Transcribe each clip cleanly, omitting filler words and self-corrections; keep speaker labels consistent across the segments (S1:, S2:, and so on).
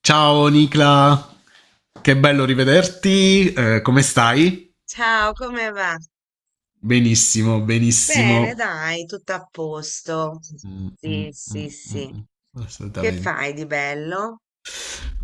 S1: Ciao Nicla, che bello rivederti, come stai?
S2: Ciao, come va?
S1: Benissimo,
S2: Bene,
S1: benissimo.
S2: dai, tutto a posto.
S1: Mm, mm,
S2: Sì, sì,
S1: mm, mm,
S2: sì.
S1: mm,
S2: Che
S1: assolutamente.
S2: fai di bello?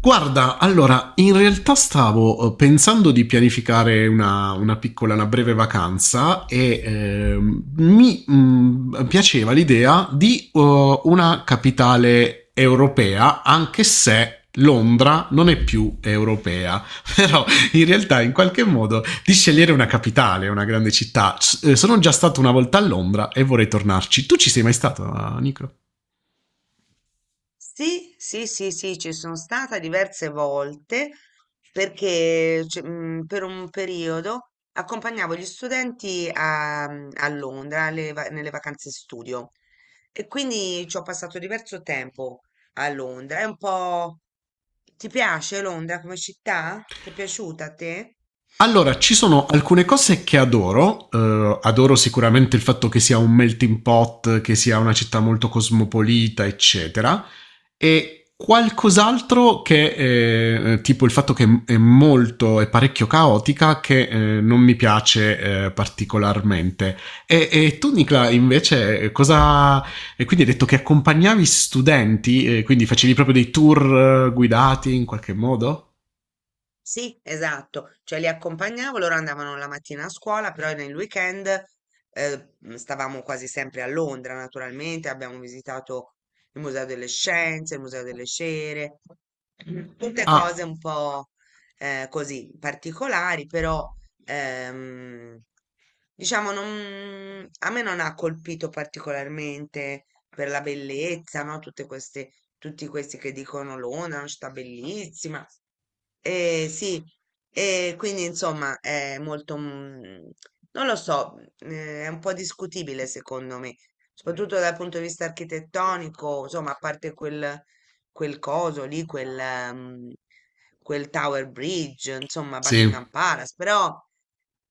S1: Guarda, allora, in realtà stavo pensando di pianificare una piccola, una breve vacanza e mi piaceva l'idea di una capitale europea, anche se Londra non è più europea, però in realtà in qualche modo di scegliere una capitale, una grande città. Sono già stato una volta a Londra e vorrei tornarci. Tu ci sei mai stato, Nico?
S2: Sì, sì, sì, sì, ci sono stata diverse volte perché per un periodo accompagnavo gli studenti a, a Londra nelle vacanze studio, e quindi ci ho passato diverso tempo a Londra. È un po'... Ti piace Londra come città? Ti è piaciuta a te?
S1: Allora, ci sono alcune cose che adoro. Adoro sicuramente il fatto che sia un melting pot, che sia una città molto cosmopolita, eccetera. E qualcos'altro che, tipo il fatto che è molto, è parecchio caotica, che non mi piace particolarmente. E tu, Nicla, invece, cosa... E quindi hai detto che accompagnavi studenti, quindi facevi proprio dei tour guidati in qualche modo?
S2: Sì, esatto, cioè li accompagnavo, loro andavano la mattina a scuola, però nel weekend, stavamo quasi sempre a Londra, naturalmente, abbiamo visitato il Museo delle Scienze, il Museo delle Cere, tutte
S1: Ah,
S2: cose un po' così particolari, però... Ehm, diciamo, a me non ha colpito particolarmente per la bellezza, no? Tutte queste, tutti questi che dicono Londra è una città bellissima. Eh sì, e quindi insomma è molto, non lo so, è un po' discutibile secondo me, soprattutto dal punto di vista architettonico, insomma, quel coso lì, mm, quel Tower Bridge, insomma,
S1: sì.
S2: Buckingham Palace, però...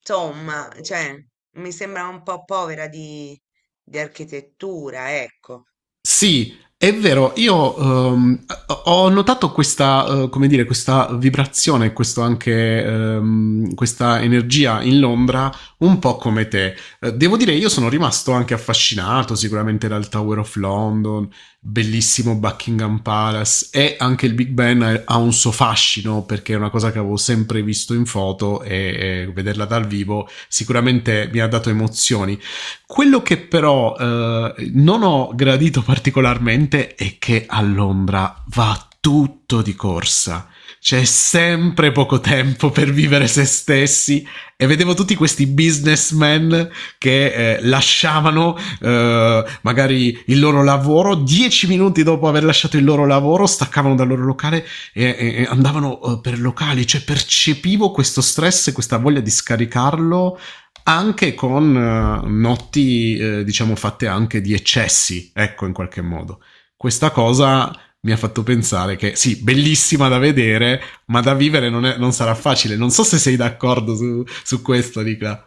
S2: Insomma, cioè, mi sembra un po' povera di architettura, ecco.
S1: Sì, è vero, io ehm, ho notato questa, come dire, questa vibrazione, questo anche, questa energia in Londra, un po' come te. Devo dire, io sono rimasto anche affascinato sicuramente dal Tower of London, bellissimo Buckingham Palace e anche il Big Ben ha un suo fascino perché è una cosa che avevo sempre visto in foto e vederla dal vivo sicuramente mi ha dato emozioni. Quello che però non ho gradito particolarmente è che a Londra va tutto di corsa. C'è sempre poco tempo per vivere se stessi e vedevo tutti questi businessmen che lasciavano magari il loro lavoro, 10 minuti dopo aver lasciato il loro lavoro staccavano dal loro locale e, e, e andavano per locali, cioè percepivo questo stress e questa voglia di scaricarlo anche con notti, diciamo, fatte anche di eccessi, ecco, in qualche modo. Questa cosa mi ha fatto pensare che sì, bellissima da vedere, ma da vivere non sarà facile. Non so se sei d'accordo su questo, Nicola.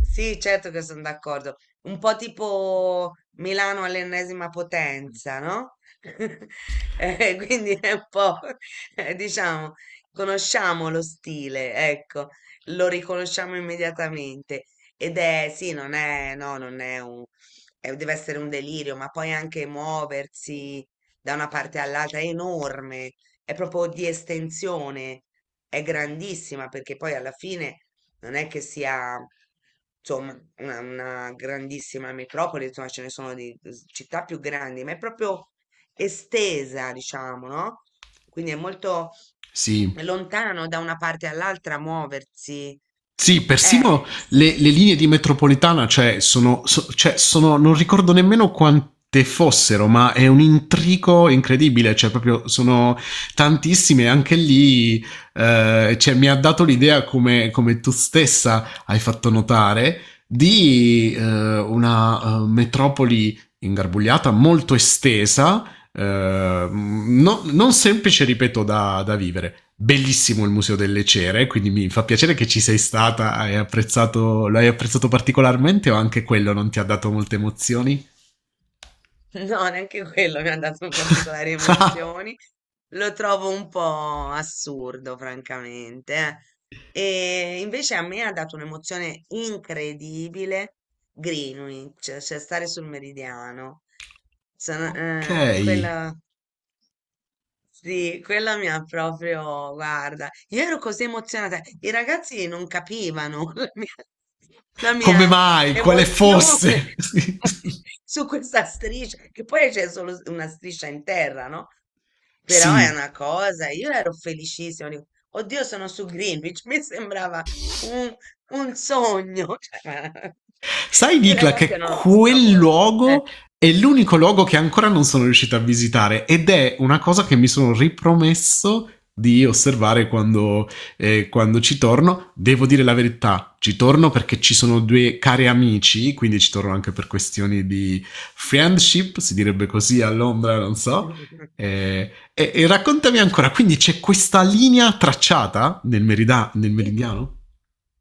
S2: Sì, certo che sono d'accordo. Un po' tipo Milano all'ennesima potenza, no? Quindi è un po', diciamo, conosciamo lo stile, ecco, lo riconosciamo immediatamente. Ed è, sì, non è, no, non è un, deve essere un delirio, ma poi anche muoversi da una parte all'altra è enorme, è proprio di estensione, è grandissima, perché poi alla fine non è che sia, insomma, una grandissima metropoli, insomma, ce ne sono città più grandi, ma è proprio estesa, diciamo, no? Quindi è molto
S1: Sì,
S2: lontano da una parte all'altra muoversi.
S1: sì, persino
S2: Sì.
S1: le linee di metropolitana, cioè, sono, so- cioè, sono- non ricordo nemmeno quante fossero, ma è un intrico incredibile, cioè, proprio sono tantissime, anche lì, cioè, mi ha dato l'idea, come tu stessa hai fatto notare, di una metropoli ingarbugliata, molto estesa, non semplice, ripeto, da vivere. Bellissimo il Museo delle Cere, quindi mi fa piacere che ci sei stata, hai apprezzato, lo hai apprezzato particolarmente o anche quello non ti ha dato molte emozioni?
S2: No, neanche quello mi ha dato particolari emozioni. Lo trovo un po' assurdo, francamente, eh. E invece a me ha dato un'emozione incredibile Greenwich, cioè stare sul meridiano.
S1: Ok,
S2: Quella, sì, quella mi ha proprio, guarda, io ero così emozionata, i ragazzi non capivano la
S1: come
S2: mia
S1: mai? Quale
S2: emozione
S1: fosse?
S2: su questa striscia, che poi c'è solo una striscia in terra, no? Però è
S1: Sì,
S2: una cosa, io ero felicissima, dico, oddio, sono su Greenwich, mi sembrava un, un sogno, cioè,
S1: sai,
S2: i
S1: Dicla,
S2: ragazzi
S1: che
S2: erano
S1: quel
S2: stravolti, eh.
S1: luogo è l'unico luogo che ancora non sono riuscito a visitare ed è una cosa che mi sono ripromesso di osservare quando, quando ci torno. Devo dire la verità, ci torno perché ci sono due cari amici, quindi ci torno anche per questioni di friendship, si direbbe così a Londra, non so. E raccontami ancora, quindi c'è questa linea tracciata nel
S2: Sì,
S1: meridiano?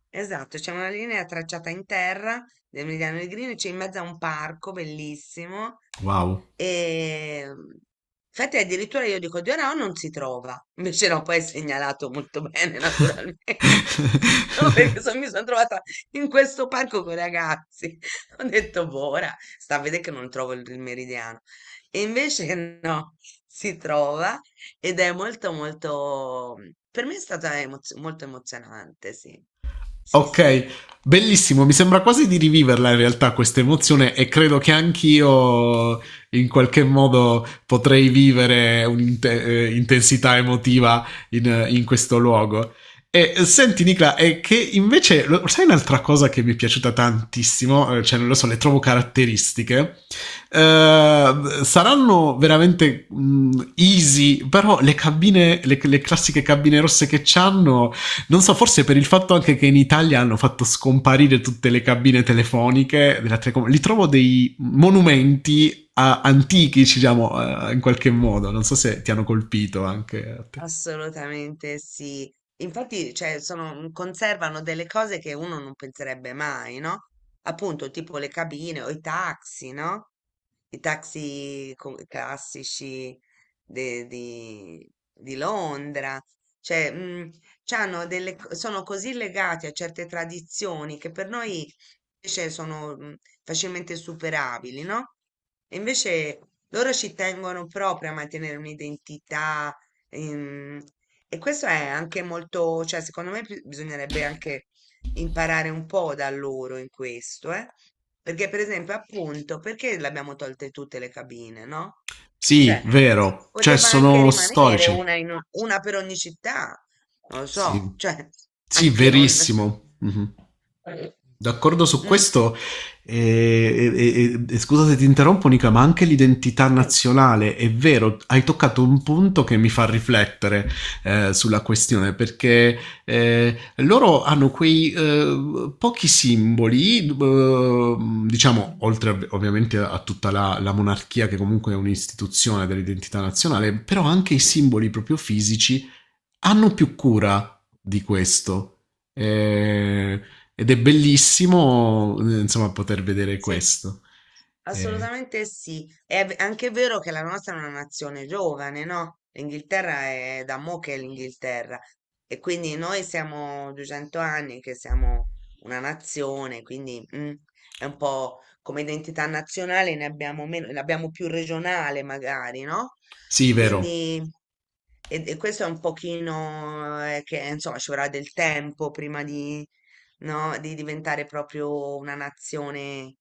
S2: esatto, c'è una linea tracciata in terra del Meridiano Negrino, c'è in mezzo a un parco bellissimo,
S1: Wow.
S2: e infatti addirittura io dico Dio no, non si trova. Invece no, poi è segnalato molto bene, naturalmente. No, perché mi sono trovata in questo parco con i ragazzi. Ho detto, boh, ora sta a vedere che non trovo il meridiano. E invece no, si trova ed è molto, molto... Per me è stata molto emozionante, sì. Sì,
S1: Ok,
S2: sì.
S1: bellissimo, mi sembra quasi di riviverla in realtà questa emozione e credo che anch'io in qualche modo potrei vivere un'intensità emotiva in questo luogo. E senti Nicola, è che invece, sai un'altra cosa che mi è piaciuta tantissimo, eh, cioè non lo so, le trovo caratteristiche, eh, saranno veramente easy, però le cabine, le classiche cabine rosse che c'hanno non so, forse per il fatto anche che in Italia hanno fatto scomparire tutte le cabine telefoniche della Telecom, li trovo dei monumenti antichi, diciamo, in qualche modo. Non so se ti hanno colpito anche a te.
S2: Assolutamente sì. Infatti, cioè, conservano delle cose che uno non penserebbe mai, no? Appunto, tipo le cabine o i taxi, no? I classici di Londra. Cioè, c'hanno sono così legati a certe tradizioni che per noi invece sono facilmente superabili, no? E invece loro ci tengono proprio a mantenere un'identità. Ehm, e questo è anche molto, cioè secondo me bisognerebbe anche imparare un po' da loro in questo, eh? Perché per esempio, appunto, perché le abbiamo tolte tutte le cabine, no?
S1: Sì,
S2: Cioè,
S1: vero. Cioè,
S2: poteva anche
S1: sono
S2: rimanere
S1: storici.
S2: una, una per ogni città, non lo so,
S1: Sì.
S2: cioè,
S1: Sì,
S2: anche non...
S1: verissimo. Mhm.
S2: eh,
S1: D'accordo su
S2: mm,
S1: questo, e, e- e scusa se ti interrompo Nica, ma anche l'identità
S2: sì.
S1: nazionale, è vero, hai toccato un punto che mi fa riflettere sulla questione, perché loro hanno quei pochi simboli, diciamo, oltre ovviamente a tutta la monarchia che comunque è un'istituzione dell'identità nazionale, però anche i simboli proprio fisici hanno più cura di questo. Eh, ed è bellissimo, insomma, poter vedere
S2: Sì,
S1: questo. Eh,
S2: assolutamente sì. È anche vero che la nostra è una nazione giovane, no? L'Inghilterra è da mo' che è l'Inghilterra, e quindi noi siamo 200 anni che siamo una nazione, quindi è un po', come identità nazionale ne abbiamo meno, ne abbiamo più regionale magari, no?
S1: sì, vero.
S2: Quindi, e questo è un pochino, che insomma ci vorrà del tempo prima di, no? Di diventare proprio una nazione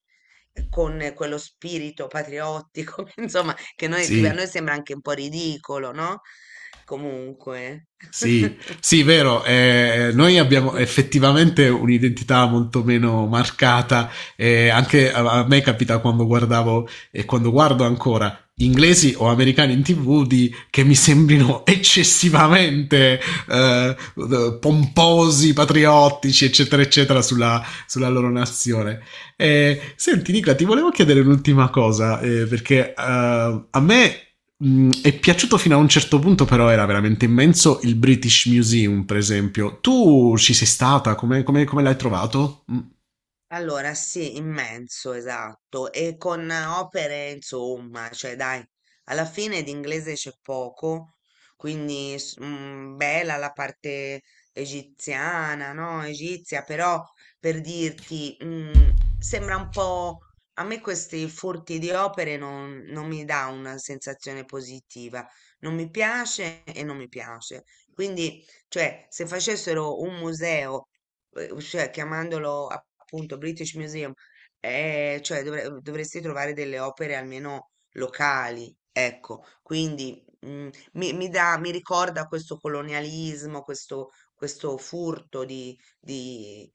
S2: con quello spirito patriottico, insomma, che, noi, che a
S1: Sì.
S2: noi sembra anche un po' ridicolo, no? Comunque.
S1: Sì, sì, vero. Eh, noi abbiamo effettivamente un'identità molto meno marcata. Eh, anche a me capita quando guardavo e quando guardo ancora inglesi o americani in TV di, che mi sembrino eccessivamente eh, pomposi, patriottici, eccetera, eccetera, sulla loro nazione. Senti, Nicola, ti volevo chiedere un'ultima cosa, perché a me mm, è piaciuto fino a un certo punto, però era veramente immenso il British Museum, per esempio. Tu ci sei stata? Come l'hai trovato? Mm,
S2: Allora, sì, immenso, esatto, e con opere, insomma, cioè dai, alla fine di inglese c'è poco, quindi bella la parte egiziana, no? Egizia, però, per dirti, sembra un po', a me questi furti di opere non, non mi dà una sensazione positiva, non mi piace e non mi piace. Quindi, cioè, se facessero un museo cioè chiamandolo appunto British Museum, cioè dovresti trovare delle opere almeno locali, ecco, quindi mi dà, mi ricorda questo colonialismo, questo furto di,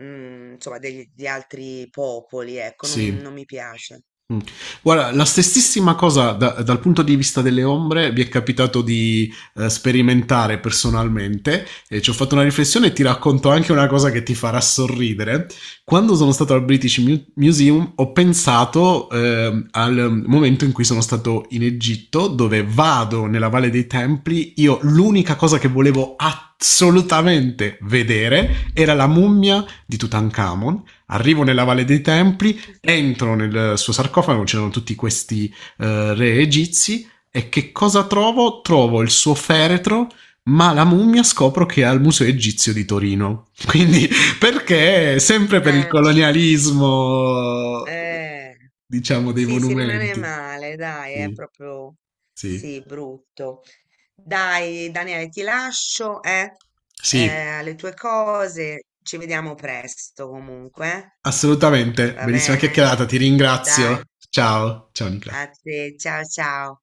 S2: mm, insomma, di altri popoli, ecco, non,
S1: sì.
S2: non mi piace.
S1: Mm. Guarda, la stessissima cosa dal punto di vista delle ombre vi è capitato di sperimentare personalmente e ci ho fatto una riflessione e ti racconto anche una cosa che ti farà sorridere. Quando sono stato al Museum ho pensato al momento in cui sono stato in Egitto dove vado nella Valle dei Templi, io l'unica cosa che volevo assolutamente vedere era la mummia di Tutankhamon. Arrivo nella Valle dei Templi, entro nel suo sarcofago, c'erano tutti questi re egizi e che cosa trovo? Trovo il suo feretro, ma la mummia scopro che è al Museo Egizio di Torino. Quindi
S2: Eh,
S1: perché sempre per il
S2: eh,
S1: colonialismo,
S2: eh,
S1: diciamo, dei
S2: sì, si rimane
S1: monumenti.
S2: male, dai, è
S1: Sì,
S2: proprio,
S1: sì,
S2: sì, brutto. Dai, Daniele, ti lascio, eh,
S1: sì,
S2: alle tue cose. Ci vediamo presto comunque, eh?
S1: assolutamente.
S2: Va
S1: Bellissima
S2: bene?
S1: chiacchierata, ti ringrazio.
S2: Dai,
S1: Ciao, ciao Nicola.
S2: a te, ciao ciao.